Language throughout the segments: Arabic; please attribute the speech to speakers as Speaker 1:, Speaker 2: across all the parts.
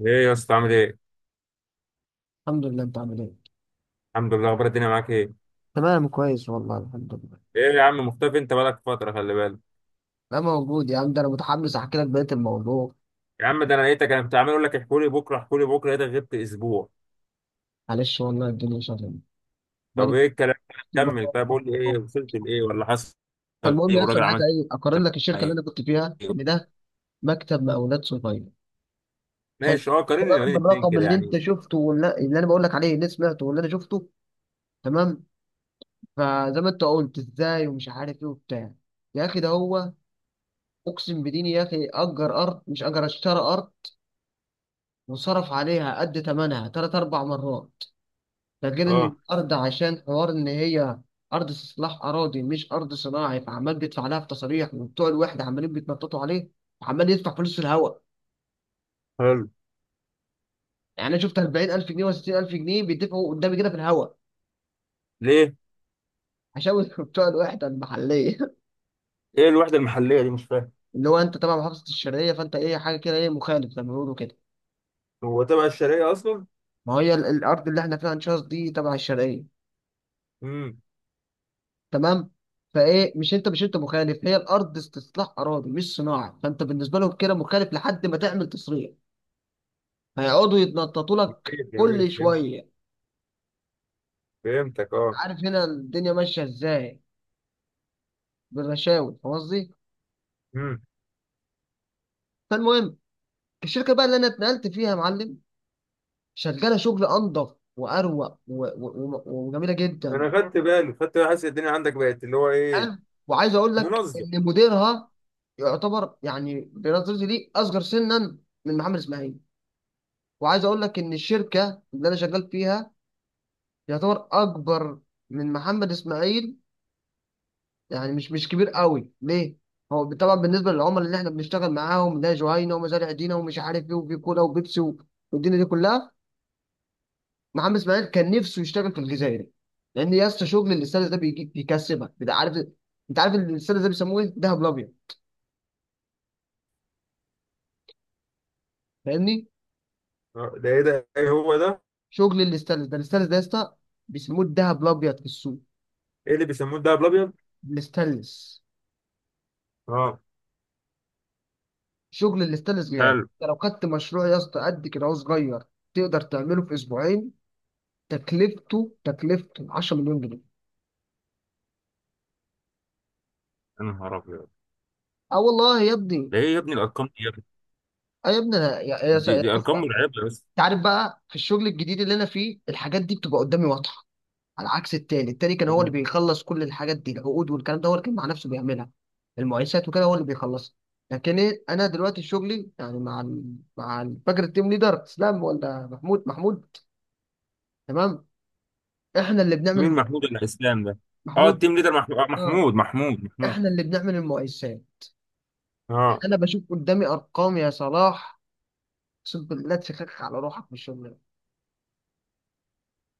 Speaker 1: ايه يا اسطى عامل ايه؟
Speaker 2: الحمد لله. انت عامل ايه؟
Speaker 1: الحمد لله، اخبار الدنيا معاك ايه؟
Speaker 2: تمام، كويس والله، الحمد لله.
Speaker 1: ايه يا عم مختفي، انت بقالك فترة، خلي بالك.
Speaker 2: انا موجود يا عم، ده انا متحمس احكي لك بقيه الموضوع.
Speaker 1: يا عم ده انا لقيتك، انا كنت عمال اقول لك احكوا لي بكره احكوا لي بكره، لقيتك غبت اسبوع.
Speaker 2: معلش والله، الدنيا شغاله. بقالي
Speaker 1: طب ايه الكلام؟
Speaker 2: كتير
Speaker 1: كمل، طب
Speaker 2: بقى-
Speaker 1: قول لي ايه وصلت لايه ولا حصل
Speaker 2: فالمهم
Speaker 1: ايه؟
Speaker 2: يا،
Speaker 1: والراجل
Speaker 2: اصلا عايز
Speaker 1: عمل
Speaker 2: ايه، اقارن لك الشركه اللي
Speaker 1: ايه؟
Speaker 2: انا كنت فيها ان ده مكتب مقاولات صغير. حلو.
Speaker 1: ماشي، اه، قارن لي ما بين
Speaker 2: رغم
Speaker 1: الاثنين
Speaker 2: الرقم
Speaker 1: كده
Speaker 2: اللي انت
Speaker 1: يعني.
Speaker 2: شفته واللي انا بقول لك عليه اللي سمعته واللي انا شفته، تمام. فزي ما انت قلت ازاي ومش عارف ايه وبتاع، يا اخي ده هو. اقسم بديني يا اخي اجر ارض مش اجر، اشترى ارض وصرف عليها قد ثمنها ثلاث اربع مرات. ده غير ان
Speaker 1: اه.
Speaker 2: الارض عشان حوار ان هي ارض استصلاح اراضي، مش ارض صناعي، فعمال بيدفع لها في تصاريح وبتوع الوحده عمالين بيتنططوا عليه، وعمال يدفع فلوس في الهواء.
Speaker 1: حلو.
Speaker 2: يعني انا شفت 40,000 جنيه و60000 جنيه بيدفعوا قدامي كده في الهواء
Speaker 1: ليه؟
Speaker 2: عشان بتوع الوحده المحليه.
Speaker 1: ايه الوحدة المحلية دي؟ مش فاهم.
Speaker 2: اللي هو انت تبع محافظه الشرقيه، فانت ايه، حاجه كده، ايه، مخالف زي ما بيقولوا كده.
Speaker 1: هو تبع الشرقية اصلا؟
Speaker 2: ما هي الارض اللي احنا فيها ان شاء الله دي تبع الشرقيه،
Speaker 1: امم.
Speaker 2: تمام. فايه مش انت مخالف، هي الارض استصلاح اراضي مش صناعي، فانت بالنسبه لهم كده مخالف لحد ما تعمل تصريح. هيقعدوا يتنططوا لك
Speaker 1: جميل جميل،
Speaker 2: كل
Speaker 1: فهمت.
Speaker 2: شويه.
Speaker 1: فهمتك، اه.
Speaker 2: عارف هنا الدنيا ماشيه ازاي؟ بالرشاوي، فاهم قصدي.
Speaker 1: امم.
Speaker 2: فالمهم، الشركه بقى اللي انا اتنقلت فيها يا معلم شغاله شغل انضف واروق و- و- و- وجميله جدا.
Speaker 1: انا خدت بالي خدت بالي، حاسس الدنيا عندك بقت اللي هو ايه.
Speaker 2: حلو. وعايز اقول لك
Speaker 1: منظم.
Speaker 2: ان مديرها يعتبر يعني بنظرتي ليه اصغر سنا من محمد اسماعيل. وعايز اقول لك ان الشركه اللي انا شغال فيها يعتبر اكبر من محمد اسماعيل، يعني مش كبير قوي ليه. هو طبعا بالنسبه للعملاء اللي احنا بنشتغل معاهم ده جهينه ومزارع دينا ومش عارف ايه، وفي كولا وبيبسي و- والدنيا دي كلها. محمد اسماعيل كان نفسه يشتغل في الجزائر، لان يا اسطى شغل الاستاذ ده بيجيب، بيكسبك، انت عارف. انت عارف الاستاذ ده بيسموه ايه؟ دهب الابيض، فاهمني.
Speaker 1: ده ايه؟ ده ايه هو ده؟
Speaker 2: شغل الاستاذ ده، الاستاذ ده يا اسطى بيسموه الدهب الابيض في السوق،
Speaker 1: ايه اللي بيسموه الدهب الابيض؟
Speaker 2: الاستانلس.
Speaker 1: اه.
Speaker 2: شغل الاستانلس غالي،
Speaker 1: حلو.
Speaker 2: انت لو خدت مشروع يا اسطى قد كده، هو صغير تقدر تعمله في اسبوعين، تكلفته 10 مليون جنيه.
Speaker 1: يا نهار ابيض.
Speaker 2: اه والله يا ابني.
Speaker 1: ده ايه يا ابني الارقام دي يا ابني؟
Speaker 2: اه يا ابني انا
Speaker 1: دي, دي
Speaker 2: بص
Speaker 1: ارقام
Speaker 2: بقى.
Speaker 1: مرعبه بس.
Speaker 2: انت عارف بقى في الشغل الجديد اللي انا فيه الحاجات دي بتبقى قدامي واضحه، على عكس التاني كان هو اللي بيخلص كل الحاجات دي، العقود والكلام ده هو اللي كان مع نفسه بيعملها، المقايسات وكده هو اللي بيخلصها. لكن إيه، انا دلوقتي شغلي يعني مع فاكر التيم ليدر اسلام ولا محمود؟ محمود، تمام. احنا اللي بنعمل
Speaker 1: مين محمود الاسلام ده؟ اه،
Speaker 2: محمود،
Speaker 1: التيم ليدر محمود. آه،
Speaker 2: اه.
Speaker 1: محمود محمود محمود.
Speaker 2: احنا اللي بنعمل المقايسات.
Speaker 1: اه.
Speaker 2: انا بشوف قدامي ارقام يا صلاح، اقسم بالله تفكك على روحك في الشغل.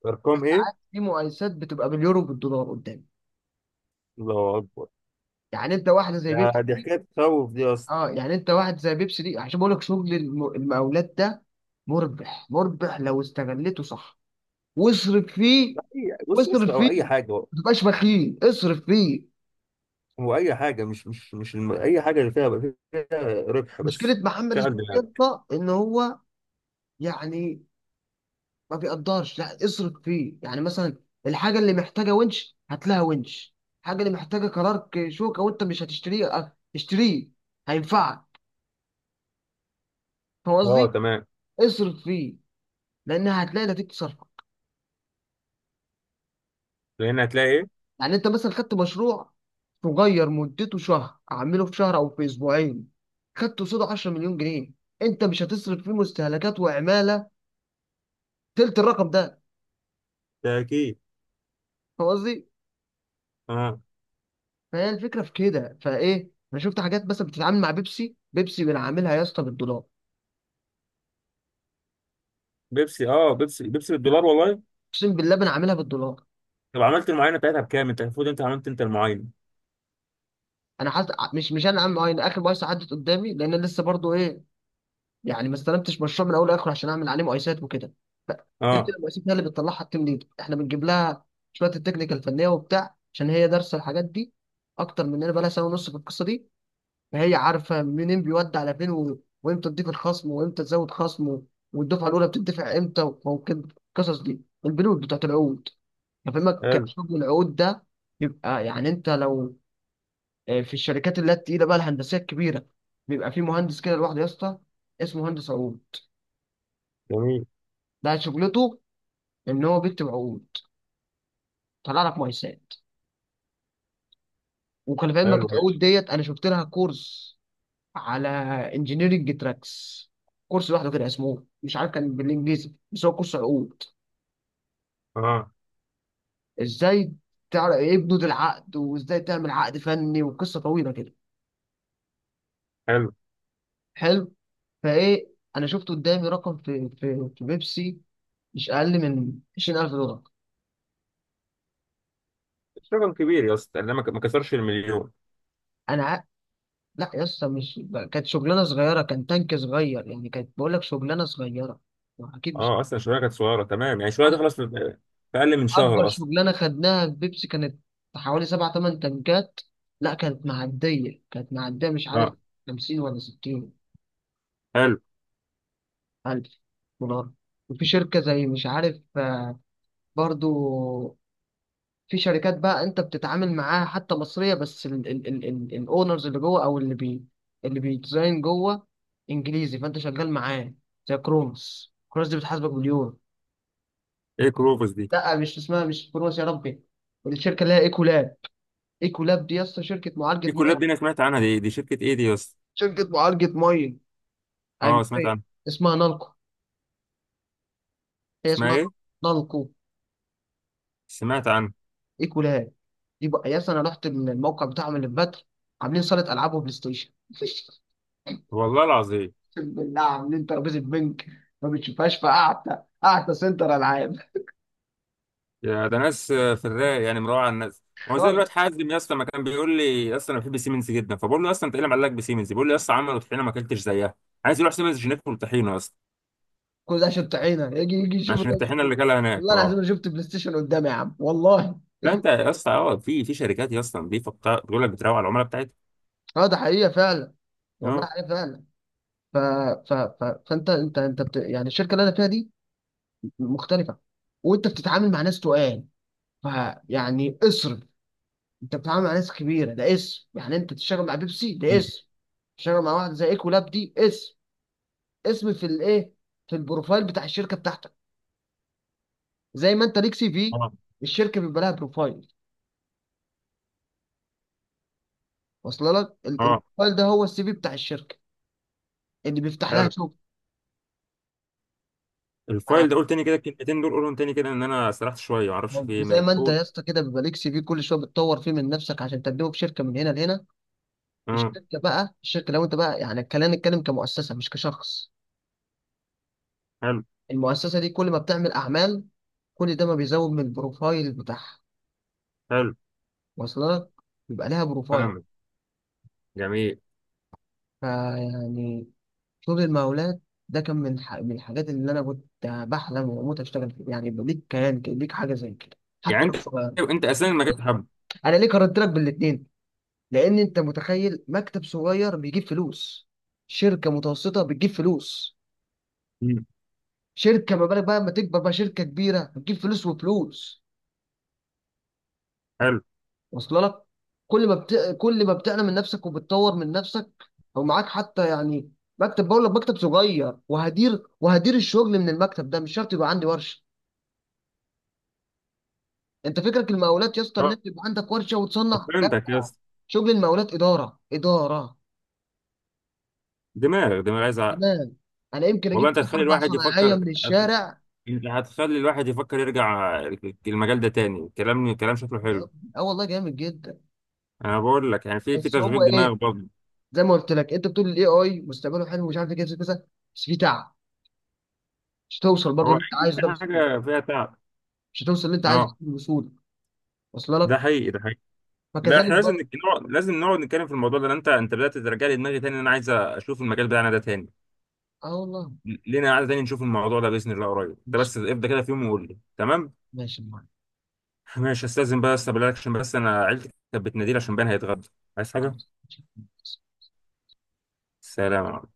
Speaker 1: ارقام ايه؟
Speaker 2: ساعات في مقايسات بتبقى باليورو بالدولار قدامي.
Speaker 1: الله اكبر.
Speaker 2: يعني انت واحده زي
Speaker 1: ده
Speaker 2: بيبسي
Speaker 1: دي
Speaker 2: دي،
Speaker 1: حكايه تخوف دي اصلا.
Speaker 2: اه، يعني انت واحد زي بيبسي دي، عشان بقول لك شغل المقاولات ده مربح، مربح لو استغلته صح واصرف فيه.
Speaker 1: بص بص،
Speaker 2: واصرف
Speaker 1: او
Speaker 2: فيه،
Speaker 1: اي حاجه هو.
Speaker 2: ما تبقاش بخيل، اصرف فيه.
Speaker 1: هو اي حاجه، مش اي حاجه اللي فيها ربح
Speaker 2: مشكله
Speaker 1: بس.
Speaker 2: محمد
Speaker 1: شغل
Speaker 2: اسماعيل
Speaker 1: دماغك.
Speaker 2: ده ان هو يعني ما بيقدرش لا اصرف فيه، يعني مثلا الحاجه اللي محتاجه ونش هات لها ونش، الحاجه اللي محتاجه كرارك شوكه وانت مش هتشتريه، اه، اشتريه، هينفعك. فاهم
Speaker 1: اه
Speaker 2: قصدي؟
Speaker 1: تمام.
Speaker 2: اصرف فيه لان هتلاقي نتيجة صرفك.
Speaker 1: هنا هتلاقي ايه؟
Speaker 2: يعني انت مثلا خدت مشروع صغير مدته شهر، اعمله في شهر او في اسبوعين، خدت قصاده 10 مليون جنيه، انت مش هتصرف فيه مستهلكات وعماله تلت الرقم ده.
Speaker 1: تأكيد.
Speaker 2: فاهم قصدي؟
Speaker 1: اه.
Speaker 2: فهي الفكره في كده. فايه، انا شفت حاجات مثلا بتتعامل مع بيبسي، بيبسي بنعملها يا اسطى بالدولار.
Speaker 1: بيبسي، اه، بيبسي بيبسي بالدولار والله.
Speaker 2: اقسم بالله بنعملها بالدولار.
Speaker 1: طب عملت المعاينه بتاعتها بكام؟ انت المفروض، انت عملت، انت المعاينه.
Speaker 2: انا حاسس مش انا عامل اخر مؤسسه عدت قدامي، لان أنا لسه برضو ايه، يعني ما استلمتش مشروع من اول لاخر عشان اعمل عليه مقايسات وكده. ف- كده كده،
Speaker 1: اه.
Speaker 2: المقايسات هي اللي بتطلعها التيم ليد، احنا بنجيب لها شويه التكنيكال الفنيه وبتاع، عشان هي دارسه الحاجات دي اكتر مننا، بقى لها سنه ونص في القصه دي. فهي عارفه منين بيودي على فين وامتى تضيف الخصم، وامتى تزود خصم والدفعه الاولى بتدفع امتى، و- وممكن القصص دي، البنود بتاعت العقود. هفهمك
Speaker 1: حلو.
Speaker 2: حجم العقود ده. يبقى يعني انت لو، آه، في الشركات اللي هي التقيله بقى الهندسيه الكبيره بيبقى في مهندس كده لوحده يا اسطى اسمه مهندس عقود.
Speaker 1: جميل.
Speaker 2: ده شغلته ان هو بيكتب عقود، طلع لك مقايسات. وكان في علمك
Speaker 1: حلو،
Speaker 2: العقود
Speaker 1: ماشي.
Speaker 2: ديت انا شفت لها كورس على انجينيرنج تراكس، كورس لوحده كده اسمه مش عارف، كان بالانجليزي، بس هو كورس عقود
Speaker 1: اه.
Speaker 2: ازاي تعرف ايه بنود العقد، وازاي تعمل عقد فني، وقصه طويله كده.
Speaker 1: حلو.
Speaker 2: حلو. فايه، انا شفت قدامي رقم في بيبسي مش اقل من 20,000 دولار.
Speaker 1: مش رقم كبير يا اسطى، لان ما كسرش المليون.
Speaker 2: انا ع- لا يا اسطى، مش، كانت شغلانه صغيره، كان تانك صغير، يعني كانت بقول لك شغلانه صغيره، اكيد مش،
Speaker 1: اه اصلا الشويه كانت صغيره، تمام، يعني الشويه
Speaker 2: أص-
Speaker 1: تخلص في في اقل من
Speaker 2: اكبر
Speaker 1: شهر اصلا.
Speaker 2: شغلانه خدناها في بيبسي كانت حوالي سبع تمن تنكات. لا كانت معديه، مش عارف،
Speaker 1: اه.
Speaker 2: 50 ولا 60
Speaker 1: حلو.
Speaker 2: الف دولار. وفي شركه زي مش عارف، آه، برضو، في شركات بقى انت بتتعامل معاها حتى مصريه بس الاونرز اللي جوه او اللي اللي بيديزاين جوه انجليزي، فانت شغال معاه. زي كرونوس، كرونوس دي بتحاسبك باليورو.
Speaker 1: ايه كروفوس دي؟
Speaker 2: لا مش اسمها، مش كرونوس، يا ربي، الشركه اللي هي ايكولاب. ايكولاب دي يا اسطى شركه معالجه،
Speaker 1: في كلاب دي انا سمعت عنها، دي شركه ايه دي يا اسطى؟
Speaker 2: شركة معالجة مية
Speaker 1: اه، سمعت
Speaker 2: أجنبية.
Speaker 1: عنها.
Speaker 2: اسمها نالكو، هي
Speaker 1: اسمها
Speaker 2: اسمها
Speaker 1: ايه؟
Speaker 2: نالكو،
Speaker 1: سمعت عنها.
Speaker 2: إيكولاب. يبقى يا، أنا رحت الموقع بتاعهم اللي في بدر، عاملين صالة ألعاب وبلاي ستيشن.
Speaker 1: والله العظيم.
Speaker 2: اقسم بالله عاملين ترابيزة بنك ما بتشوفهاش في قعدة، قعدة سنتر ألعاب.
Speaker 1: يا ده ناس، في الرايق يعني، مروعه على الناس. هو زي الواد
Speaker 2: خالص.
Speaker 1: حازم، يا اسطى، ما كان بيقول لي يا اسطى انا بحب سيمنز جدا، فبقول له يا اسطى انت ايه اللي معلقك بسيمنز؟ بيقول لي يا اسطى عملوا طحينه ما اكلتش زيها. عايز يروح سيمنز عشان ياكل طحينه يا اسطى.
Speaker 2: كل ده شط عينه يجي، يجي يشوف
Speaker 1: عشان
Speaker 2: ده
Speaker 1: الطحينه
Speaker 2: يشوف.
Speaker 1: اللي كلها هناك،
Speaker 2: والله العظيم
Speaker 1: اه.
Speaker 2: أنا شفت بلاي ستيشن قدامي يا عم، والله.
Speaker 1: لا انت يا اسطى، اه، في شركات يا اسطى نظيفه بتقول لك بتروق على العملاء بتاعتها.
Speaker 2: اه ده حقيقة فعلا، والله
Speaker 1: اه.
Speaker 2: حقيقة فعلا. ف... ف... ف... فأنت أنت بت... يعني الشركة اللي أنا فيها دي مختلفة، وانت بتتعامل مع ناس تقال، فيعني اصرف. انت بتتعامل مع ناس كبيره، ده اسم، يعني انت تشتغل مع بيبسي ده
Speaker 1: مم.
Speaker 2: اسم، تشتغل مع واحد زي ايكولاب دي اسم، اسم في الايه، في البروفايل بتاع الشركه بتاعتك. زي ما انت ليك سي في،
Speaker 1: اه.
Speaker 2: الشركه بيبقى لها بروفايل واصل لك
Speaker 1: اه.
Speaker 2: البروفايل ده هو السي في بتاع الشركه اللي بيفتح لها
Speaker 1: حلو.
Speaker 2: شغل. آه،
Speaker 1: الفايل ده، قول تاني كده الكلمتين دول، قولهم تاني كده، ان انا سرحت شويه ما اعرفش في ايه
Speaker 2: زي
Speaker 1: مال،
Speaker 2: ما انت
Speaker 1: قول.
Speaker 2: يا اسطى كده بيبقى ليك سي في كل شويه بتطور فيه من نفسك عشان تقدمه في شركه من هنا لهنا.
Speaker 1: اه.
Speaker 2: الشركه بقى، الشركه لو انت بقى يعني الكلام نتكلم كمؤسسه مش كشخص،
Speaker 1: حلو.
Speaker 2: المؤسسة دي كل ما بتعمل أعمال، كل ده ما بيزود من البروفايل بتاعها
Speaker 1: حلو.
Speaker 2: واصلك، يبقى لها بروفايل.
Speaker 1: فاهمك. جميل.
Speaker 2: فيعني شغل المقاولات ده كان من من الحاجات اللي أنا كنت بحلم وأموت أشتغل فيها، يعني يبقى ليك كيان كده، ليك حاجة زي كده،
Speaker 1: يعني
Speaker 2: حتى لو
Speaker 1: انت
Speaker 2: صغير.
Speaker 1: انت اساسا المجال بتحبه.
Speaker 2: أنا ليه قارنت لك بالاتنين؟ لأن أنت متخيل مكتب صغير بيجيب فلوس، شركة متوسطة بتجيب فلوس،
Speaker 1: مم.
Speaker 2: شركة ما بالك بقى لما تكبر بقى شركة كبيرة بتجيب فلوس وفلوس
Speaker 1: حلو.
Speaker 2: واصله لك. كل ما بت... كل ما بتقلم من نفسك وبتطور من نفسك او معاك حتى. يعني مكتب، بقول لك مكتب صغير وهدير، وهدير الشغل من المكتب ده مش شرط يبقى عندي ورشه. انت فكرك المقاولات يا اسطى ان انت يبقى عندك ورشه وتصنع، لا،
Speaker 1: فهمتك يا اسطى.
Speaker 2: شغل المقاولات اداره، اداره،
Speaker 1: دماغ دماغ، عايز عقل.
Speaker 2: تمام. انا يمكن اجيب
Speaker 1: والله انت
Speaker 2: ثلاث
Speaker 1: هتخلي
Speaker 2: اربع
Speaker 1: الواحد
Speaker 2: صنايعيه
Speaker 1: يفكر.
Speaker 2: من
Speaker 1: هت-
Speaker 2: الشارع.
Speaker 1: انت هتخلي الواحد يفكر يرجع. المجال ده تاني كلام، كلام شكله حلو.
Speaker 2: اه والله جامد جدا.
Speaker 1: انا بقول لك يعني في
Speaker 2: بس هو
Speaker 1: تشغيل دماغ
Speaker 2: ايه،
Speaker 1: برضه.
Speaker 2: زي ما قلت لك انت بتقول الاي اي مستقبله حلو ومش عارف ايه كذا كذا، بس في تعب، مش هتوصل برضه
Speaker 1: هو
Speaker 2: اللي انت
Speaker 1: اي
Speaker 2: عايزه ده بسهوله.
Speaker 1: حاجه فيها تعب.
Speaker 2: مش هتوصل اللي انت عايزه
Speaker 1: اه،
Speaker 2: ده بسهوله، وصل
Speaker 1: ده
Speaker 2: لك.
Speaker 1: حقيقي ده حقيقي. لا
Speaker 2: فكذلك
Speaker 1: احنا لازم
Speaker 2: برضه.
Speaker 1: نقعد، لازم نقعد نتكلم في الموضوع ده، لأن انت بدات ترجع لي دماغي تاني، انا عايز اشوف المجال بتاعنا ده تاني.
Speaker 2: اه والله.
Speaker 1: لينا قاعده تاني نشوف الموضوع ده باذن الله قريب، انت
Speaker 2: ماشي،
Speaker 1: بس ابدا كده في يوم وقول لي تمام.
Speaker 2: ماشي معاك.
Speaker 1: ماشي، استاذن بقى استقبلك عشان بس انا عيلتي كانت بتناديلي عشان بان هيتغدى. عايز حاجه؟
Speaker 2: خلاص.
Speaker 1: سلام عليكم.